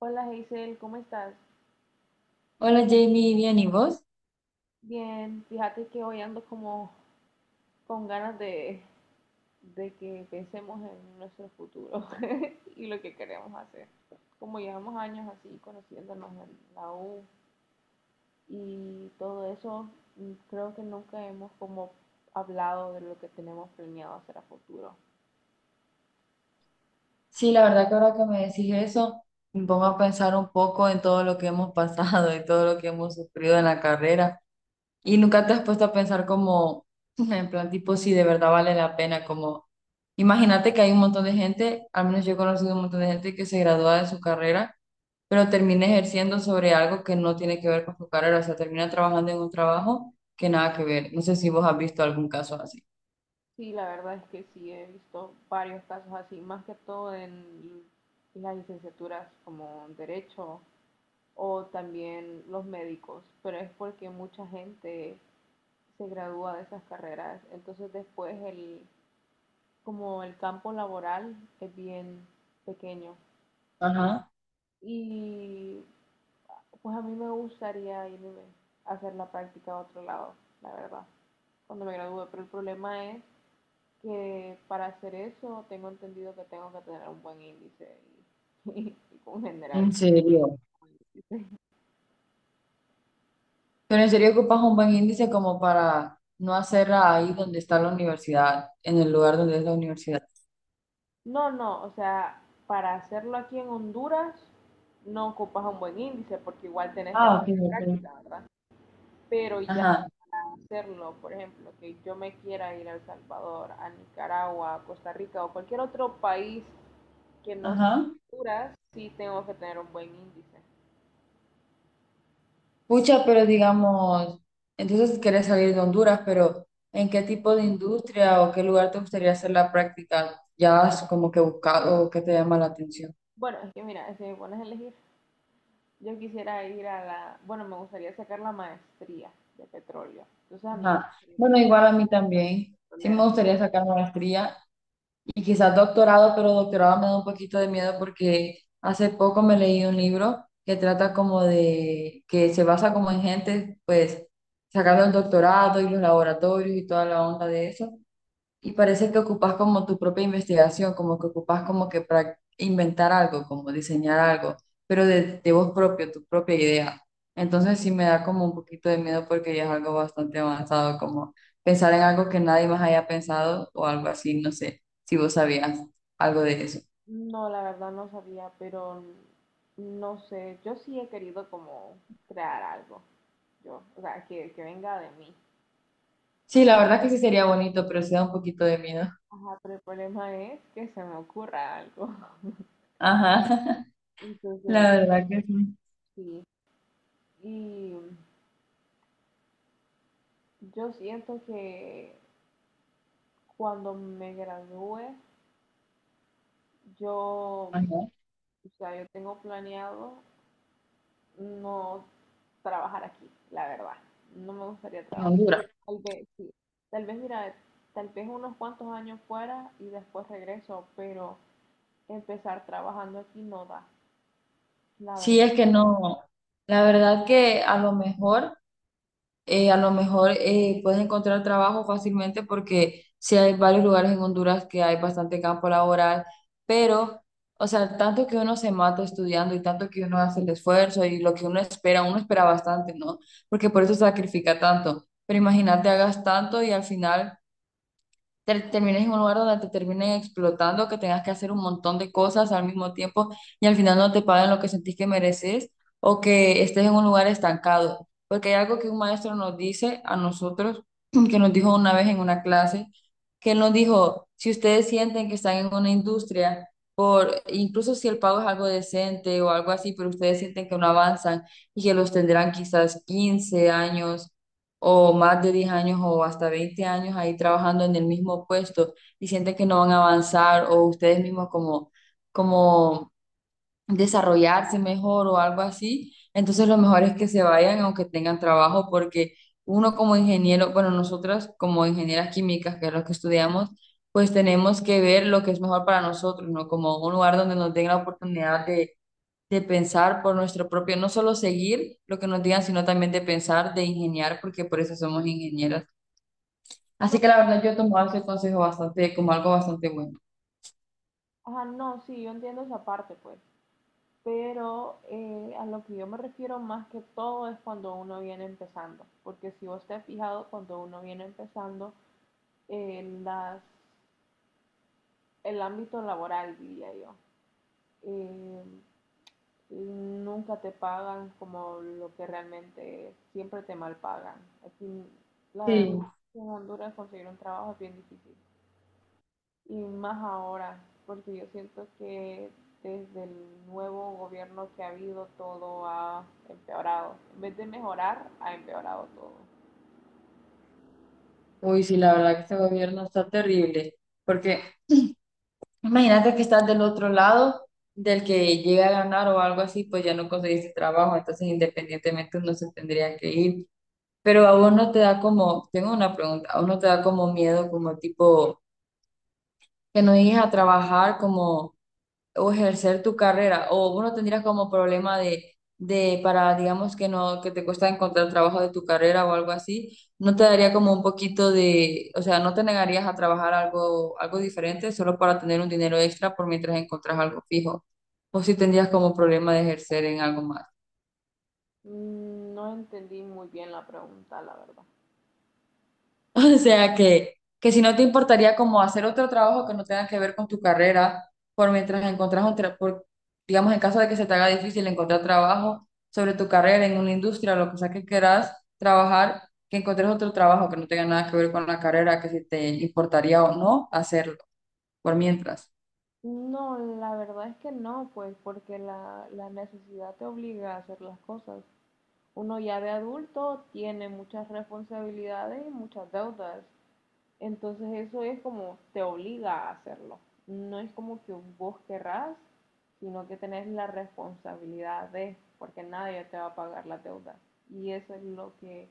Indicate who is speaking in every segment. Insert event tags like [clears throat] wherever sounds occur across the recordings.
Speaker 1: Hola Hazel, ¿cómo estás?
Speaker 2: Hola Jamie, bien, ¿y vos?
Speaker 1: Bien, fíjate que hoy ando como con ganas de que pensemos en nuestro futuro [laughs] y lo que queremos hacer. Como llevamos años así conociéndonos en la U y todo eso, creo que nunca hemos como hablado de lo que tenemos planeado hacer a futuro.
Speaker 2: Sí, la verdad que ahora que me decís eso, me pongo a pensar un poco en todo lo que hemos [laughs] pasado y todo lo que hemos sufrido en la carrera. Y nunca te has puesto a pensar como, [laughs] en plan tipo, si de verdad vale la pena, como, imagínate que hay un montón de gente, al menos yo he conocido un montón de gente que se gradúa de su carrera, pero termina ejerciendo sobre algo que no tiene que ver con su carrera, o sea, termina trabajando en un trabajo que nada que ver. No sé si vos has visto algún caso así.
Speaker 1: Sí, la verdad es que sí he visto varios casos así, más que todo en las licenciaturas como en Derecho o también los médicos, pero es porque mucha gente se gradúa de esas carreras, entonces después como el campo laboral es bien pequeño,
Speaker 2: Ajá,
Speaker 1: y pues a mí me gustaría irme a hacer la práctica a otro lado, la verdad, cuando me gradúe, pero el problema es que para hacer eso tengo entendido que tengo que tener un buen índice y, [laughs] y un
Speaker 2: en
Speaker 1: general.
Speaker 2: serio. Pero en serio ocupas un buen índice como para no hacerla ahí donde está la universidad, en el lugar donde es la universidad.
Speaker 1: No, no, o sea, para hacerlo aquí en Honduras no ocupas un buen índice porque igual tenés que
Speaker 2: Ah,
Speaker 1: hacer
Speaker 2: ok,
Speaker 1: la
Speaker 2: ok.
Speaker 1: práctica, ¿verdad? Pero ya
Speaker 2: Ajá.
Speaker 1: para hacerlo, por ejemplo, que yo me quiera ir a El Salvador, a Nicaragua, a Costa Rica o cualquier otro país que no sea
Speaker 2: Ajá.
Speaker 1: Honduras, sí tengo que tener un buen índice.
Speaker 2: Pucha, pero digamos, entonces quieres salir de Honduras, pero ¿en qué tipo de industria o qué lugar te gustaría hacer la práctica? ¿Ya has como que buscado o qué te llama la atención?
Speaker 1: Bueno, es que mira, si me pones a elegir, yo quisiera ir a la, bueno, me gustaría sacar la maestría de petróleo. Entonces a mí me
Speaker 2: Ajá.
Speaker 1: gustaría ir
Speaker 2: Bueno,
Speaker 1: como
Speaker 2: igual a mí también. Sí me
Speaker 1: petrolera.
Speaker 2: gustaría sacar maestría. Y quizás doctorado, pero doctorado me da un poquito de miedo porque hace poco me leí un libro que trata como de, que se basa como en gente, pues, sacando el doctorado y los laboratorios y toda la onda de eso. Y parece que ocupas como tu propia investigación, como que ocupas como que para inventar algo, como diseñar algo, pero de vos propio, tu propia idea. Entonces sí me da como un poquito de miedo porque ya es algo bastante avanzado, como pensar en algo que nadie más haya pensado o algo así, no sé, si vos sabías algo de eso.
Speaker 1: No, la verdad no sabía, pero no sé, yo sí he querido como crear algo, yo, o sea, que venga de mí.
Speaker 2: Sí, la verdad que sí sería bonito, pero sí da un poquito de miedo.
Speaker 1: Ajá, pero el problema es que se me ocurra algo. [laughs]
Speaker 2: Ajá, [laughs] la
Speaker 1: Entonces,
Speaker 2: verdad que sí.
Speaker 1: sí. Y yo siento que cuando me gradúe, yo,
Speaker 2: Ajá,
Speaker 1: o sea, yo tengo planeado no trabajar aquí, la verdad. No me gustaría
Speaker 2: en
Speaker 1: trabajar.
Speaker 2: Honduras.
Speaker 1: Tal vez, sí. Tal vez, mira, tal vez unos cuantos años fuera y después regreso, pero empezar trabajando aquí no da, la
Speaker 2: Sí,
Speaker 1: verdad.
Speaker 2: es que no, la verdad que a lo mejor, puedes encontrar trabajo fácilmente porque sí hay varios lugares en Honduras que hay bastante campo laboral, pero, o sea, tanto que uno se mata estudiando y tanto que uno hace el esfuerzo y lo que uno espera bastante, ¿no? Porque por eso sacrifica tanto. Pero imagínate, hagas tanto y al final termines en un lugar donde te terminen explotando, que tengas que hacer un montón de cosas al mismo tiempo y al final no te paguen lo que sentís que mereces o que estés en un lugar estancado. Porque hay algo que un maestro nos dice a nosotros, [clears throat] que nos dijo una vez en una clase, que él nos dijo, si ustedes sienten que están en una industria, por, incluso si el pago es algo decente o algo así, pero ustedes sienten que no avanzan y que los tendrán quizás 15 años o más de 10 años o hasta 20 años ahí trabajando en el mismo puesto y sienten que no van a avanzar o ustedes mismos como desarrollarse mejor o algo así, entonces lo mejor es que se vayan aunque tengan trabajo porque uno como ingeniero, bueno, nosotras como ingenieras químicas, que es lo que estudiamos, pues tenemos que ver lo que es mejor para nosotros, ¿no? Como un lugar donde nos den la oportunidad de pensar por nuestro propio, no solo seguir lo que nos digan, sino también de pensar, de ingeniar, porque por eso somos ingenieras.
Speaker 1: No,
Speaker 2: Así que la verdad yo he tomado ese consejo bastante, como algo bastante bueno.
Speaker 1: ajá, no, sí, yo entiendo esa parte, pues. Pero a lo que yo me refiero más que todo es cuando uno viene empezando, porque si vos te has fijado, cuando uno viene empezando, eh, las, el ámbito laboral, diría yo, eh, nunca te pagan como lo que realmente siempre te mal pagan. Aquí, la verdad,
Speaker 2: Sí,
Speaker 1: en Honduras conseguir un trabajo es bien difícil. Y más ahora, porque yo siento que desde el nuevo gobierno que ha habido todo ha empeorado. En vez de mejorar, ha empeorado todo.
Speaker 2: uy, sí, la verdad que este gobierno está terrible, porque imagínate que estás del otro lado, del que llega a ganar o algo así, pues ya no conseguiste trabajo, entonces independientemente uno se tendría que ir. Pero a vos no te da como, tengo una pregunta, a vos no te da como miedo, como tipo, que no llegues a trabajar, como o ejercer tu carrera, o vos no tendrías como problema de para, digamos, que no, que te cuesta encontrar trabajo de tu carrera o algo así, no te daría como un poquito de, o sea, no te negarías a trabajar algo, algo diferente solo para tener un dinero extra por mientras encontrás algo fijo, o si tendrías como problema de ejercer en algo más.
Speaker 1: No entendí muy bien la pregunta, la verdad.
Speaker 2: [laughs] O sea que si no te importaría como hacer otro trabajo que no tenga que ver con tu carrera, por mientras encontrás un por, digamos, en caso de que se te haga difícil encontrar trabajo sobre tu carrera en una industria o lo que sea que quieras trabajar, que encuentres otro trabajo que no tenga nada que ver con la carrera, que si te importaría o no hacerlo, por mientras.
Speaker 1: No, la verdad es que no, pues porque la necesidad te obliga a hacer las cosas. Uno ya de adulto tiene muchas responsabilidades y muchas deudas. Entonces eso es como te obliga a hacerlo. No es como que vos querrás, sino que tenés la responsabilidad de, porque nadie te va a pagar las deudas. Y eso es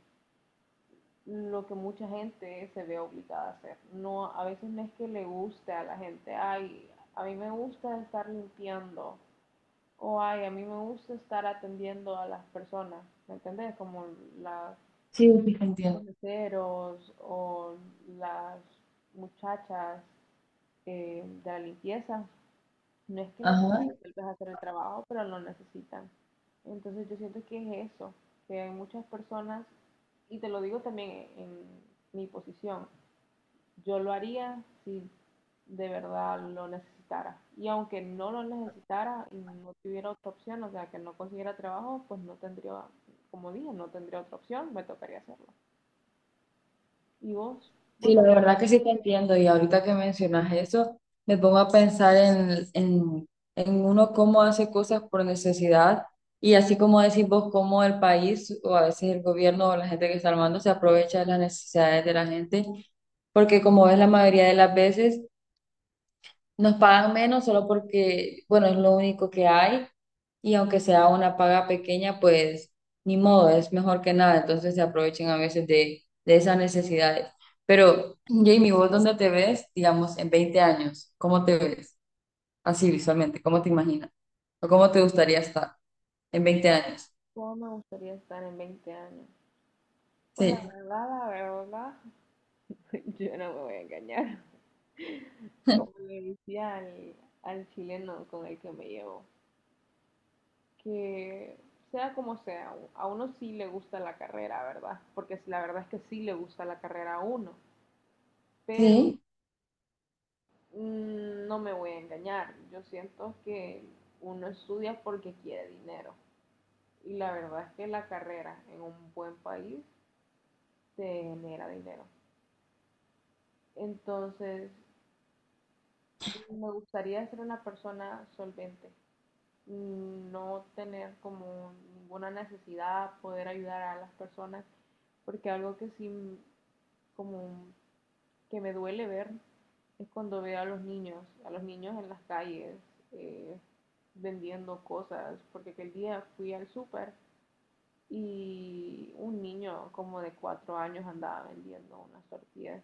Speaker 1: lo que mucha gente se ve obligada a hacer. No, a veces no es que le guste a la gente, ay, a mí me gusta estar limpiando, o ay, a mí me gusta estar atendiendo a las personas, ¿me entendés? Como las,
Speaker 2: Sí, sí, te
Speaker 1: los
Speaker 2: entiendo.
Speaker 1: meseros o las muchachas, de la limpieza, no es que les guste
Speaker 2: Ajá.
Speaker 1: tal vez hacer el trabajo, pero lo necesitan. Entonces yo siento que es eso, que hay muchas personas, y te lo digo también en, mi posición, yo lo haría si de verdad lo necesitara. Y aunque no lo necesitara y no tuviera otra opción, o sea, que no consiguiera trabajo, pues no tendría, como dije, no tendría otra opción, me tocaría hacerlo. ¿Y vos? ¿Vos
Speaker 2: Sí,
Speaker 1: lo...
Speaker 2: la verdad que sí te entiendo y ahorita que mencionas eso, me pongo a pensar en uno cómo hace cosas por necesidad y así como decís vos, cómo el país o a veces el gobierno o la gente que está armando se aprovecha de las necesidades de la gente, porque como ves la mayoría de las veces nos pagan menos solo porque, bueno, es lo único que hay y aunque sea una paga pequeña, pues ni modo, es mejor que nada. Entonces se aprovechen a veces de esas necesidades. Pero, Jamie, ¿vos dónde te ves, digamos, en 20 años? ¿Cómo te ves? Así visualmente, ¿cómo te imaginas? ¿O cómo te gustaría estar en 20 años?
Speaker 1: ¿Cómo me gustaría estar en 20 años? Pues
Speaker 2: Sí.
Speaker 1: la verdad, [laughs] yo no me voy a engañar. Como le decía al chileno con el que me llevo, que sea como sea, a uno sí le gusta la carrera, ¿verdad? Porque si la verdad es que sí le gusta la carrera a uno, pero
Speaker 2: Sí,
Speaker 1: no me voy a engañar. Yo siento que uno estudia porque quiere dinero. Y la verdad es que la carrera en un buen país te genera dinero. Entonces, me gustaría ser una persona solvente, no tener como ninguna necesidad, poder ayudar a las personas, porque algo que sí como que me duele ver es cuando veo a los niños en las calles eh, vendiendo cosas, porque aquel día fui al súper y un niño como de 4 años andaba vendiendo unas tortillas.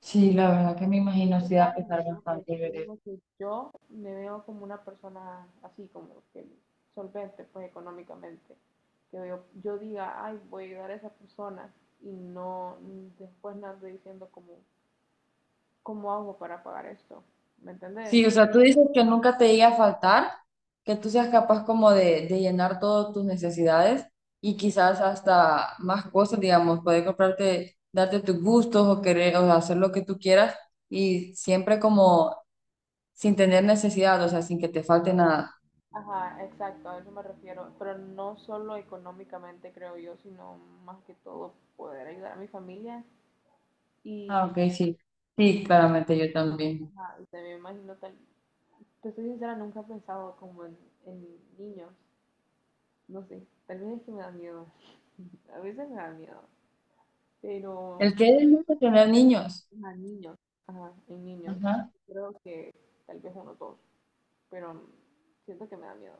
Speaker 2: sí, la verdad que me
Speaker 1: Y es
Speaker 2: imagino
Speaker 1: que
Speaker 2: sí da
Speaker 1: sana,
Speaker 2: pesar
Speaker 1: ¿verdad? Por eso
Speaker 2: bastante.
Speaker 1: te digo que yo me veo como una persona así, como que solvente, pues económicamente. Que yo diga, ay, voy a ayudar a esa persona y no, después no ando diciendo como, ¿cómo hago para pagar esto? ¿Me entendés?
Speaker 2: Sí, o sea, tú dices que nunca te llegue a faltar, que tú seas capaz como de llenar todas tus necesidades y quizás hasta más cosas, digamos, poder comprarte, darte tus gustos o querer, o hacer lo que tú quieras y siempre como sin tener necesidad, o sea, sin que te falte nada.
Speaker 1: Ajá, exacto, a eso me refiero. Pero no solo económicamente, creo yo, sino más que todo poder ayudar a mi familia
Speaker 2: Ah,
Speaker 1: y,
Speaker 2: ok, sí.
Speaker 1: y,
Speaker 2: Sí, claramente yo también.
Speaker 1: ajá, y también me imagino tal, te soy sincera, nunca he pensado como en, niños. No sé, tal vez es que me da miedo. [laughs] A veces me da miedo. Pero
Speaker 2: El que es el de tener niños.
Speaker 1: a niños, ajá, en niños,
Speaker 2: Ajá.
Speaker 1: creo que tal vez uno o dos. Pero siento que me da miedo.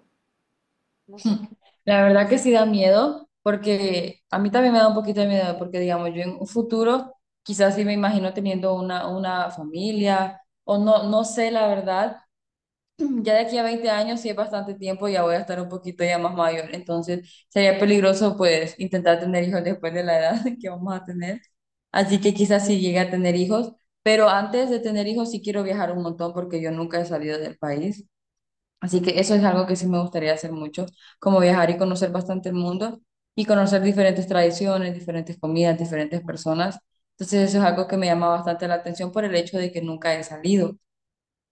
Speaker 1: No sé.
Speaker 2: La verdad que sí da miedo, porque a mí también me da un poquito de miedo, porque digamos, yo en un futuro quizás sí me imagino teniendo una familia, o no, no sé, la verdad, [clears throat] ya de aquí a 20 años sí es bastante tiempo, ya voy a estar un poquito ya más mayor, entonces sería peligroso pues intentar tener hijos después de la edad [laughs] que vamos a tener, así que quizás sí llegue a tener hijos, pero antes de tener hijos sí quiero viajar un montón porque yo nunca he salido del país. Así que eso es algo que sí me gustaría hacer mucho, como viajar y conocer bastante el mundo y conocer diferentes tradiciones, diferentes comidas, diferentes personas. Entonces eso es algo que me llama bastante la atención por el hecho de que nunca he salido.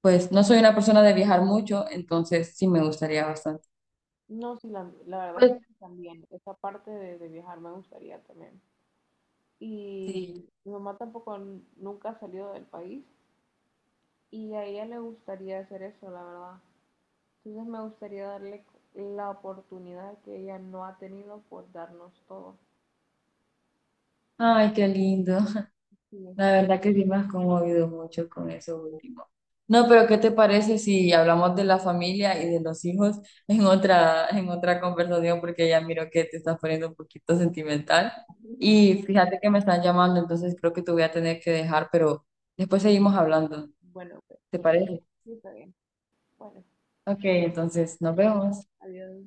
Speaker 2: Pues no soy una persona de viajar mucho, entonces sí me gustaría bastante.
Speaker 1: No, sí, la, verdad
Speaker 2: Pues
Speaker 1: es que también esa parte de viajar me gustaría también.
Speaker 2: sí.
Speaker 1: Y mi mamá tampoco nunca ha salido del país y a ella le gustaría hacer eso, la verdad. Entonces me gustaría darle la oportunidad que ella no ha tenido por darnos todo.
Speaker 2: Ay, qué lindo.
Speaker 1: Sí.
Speaker 2: La verdad que sí me has conmovido mucho con eso último. No, pero ¿qué te parece si hablamos de la familia y de los hijos en otra conversación? Porque ya miro que te estás poniendo un poquito sentimental.
Speaker 1: [laughs]
Speaker 2: Y fíjate que me están llamando, entonces creo que te voy a tener que dejar, pero después seguimos hablando.
Speaker 1: Bueno, pues,
Speaker 2: ¿Te parece?
Speaker 1: sí, está bien. Bueno,
Speaker 2: Ok, entonces nos vemos.
Speaker 1: adiós.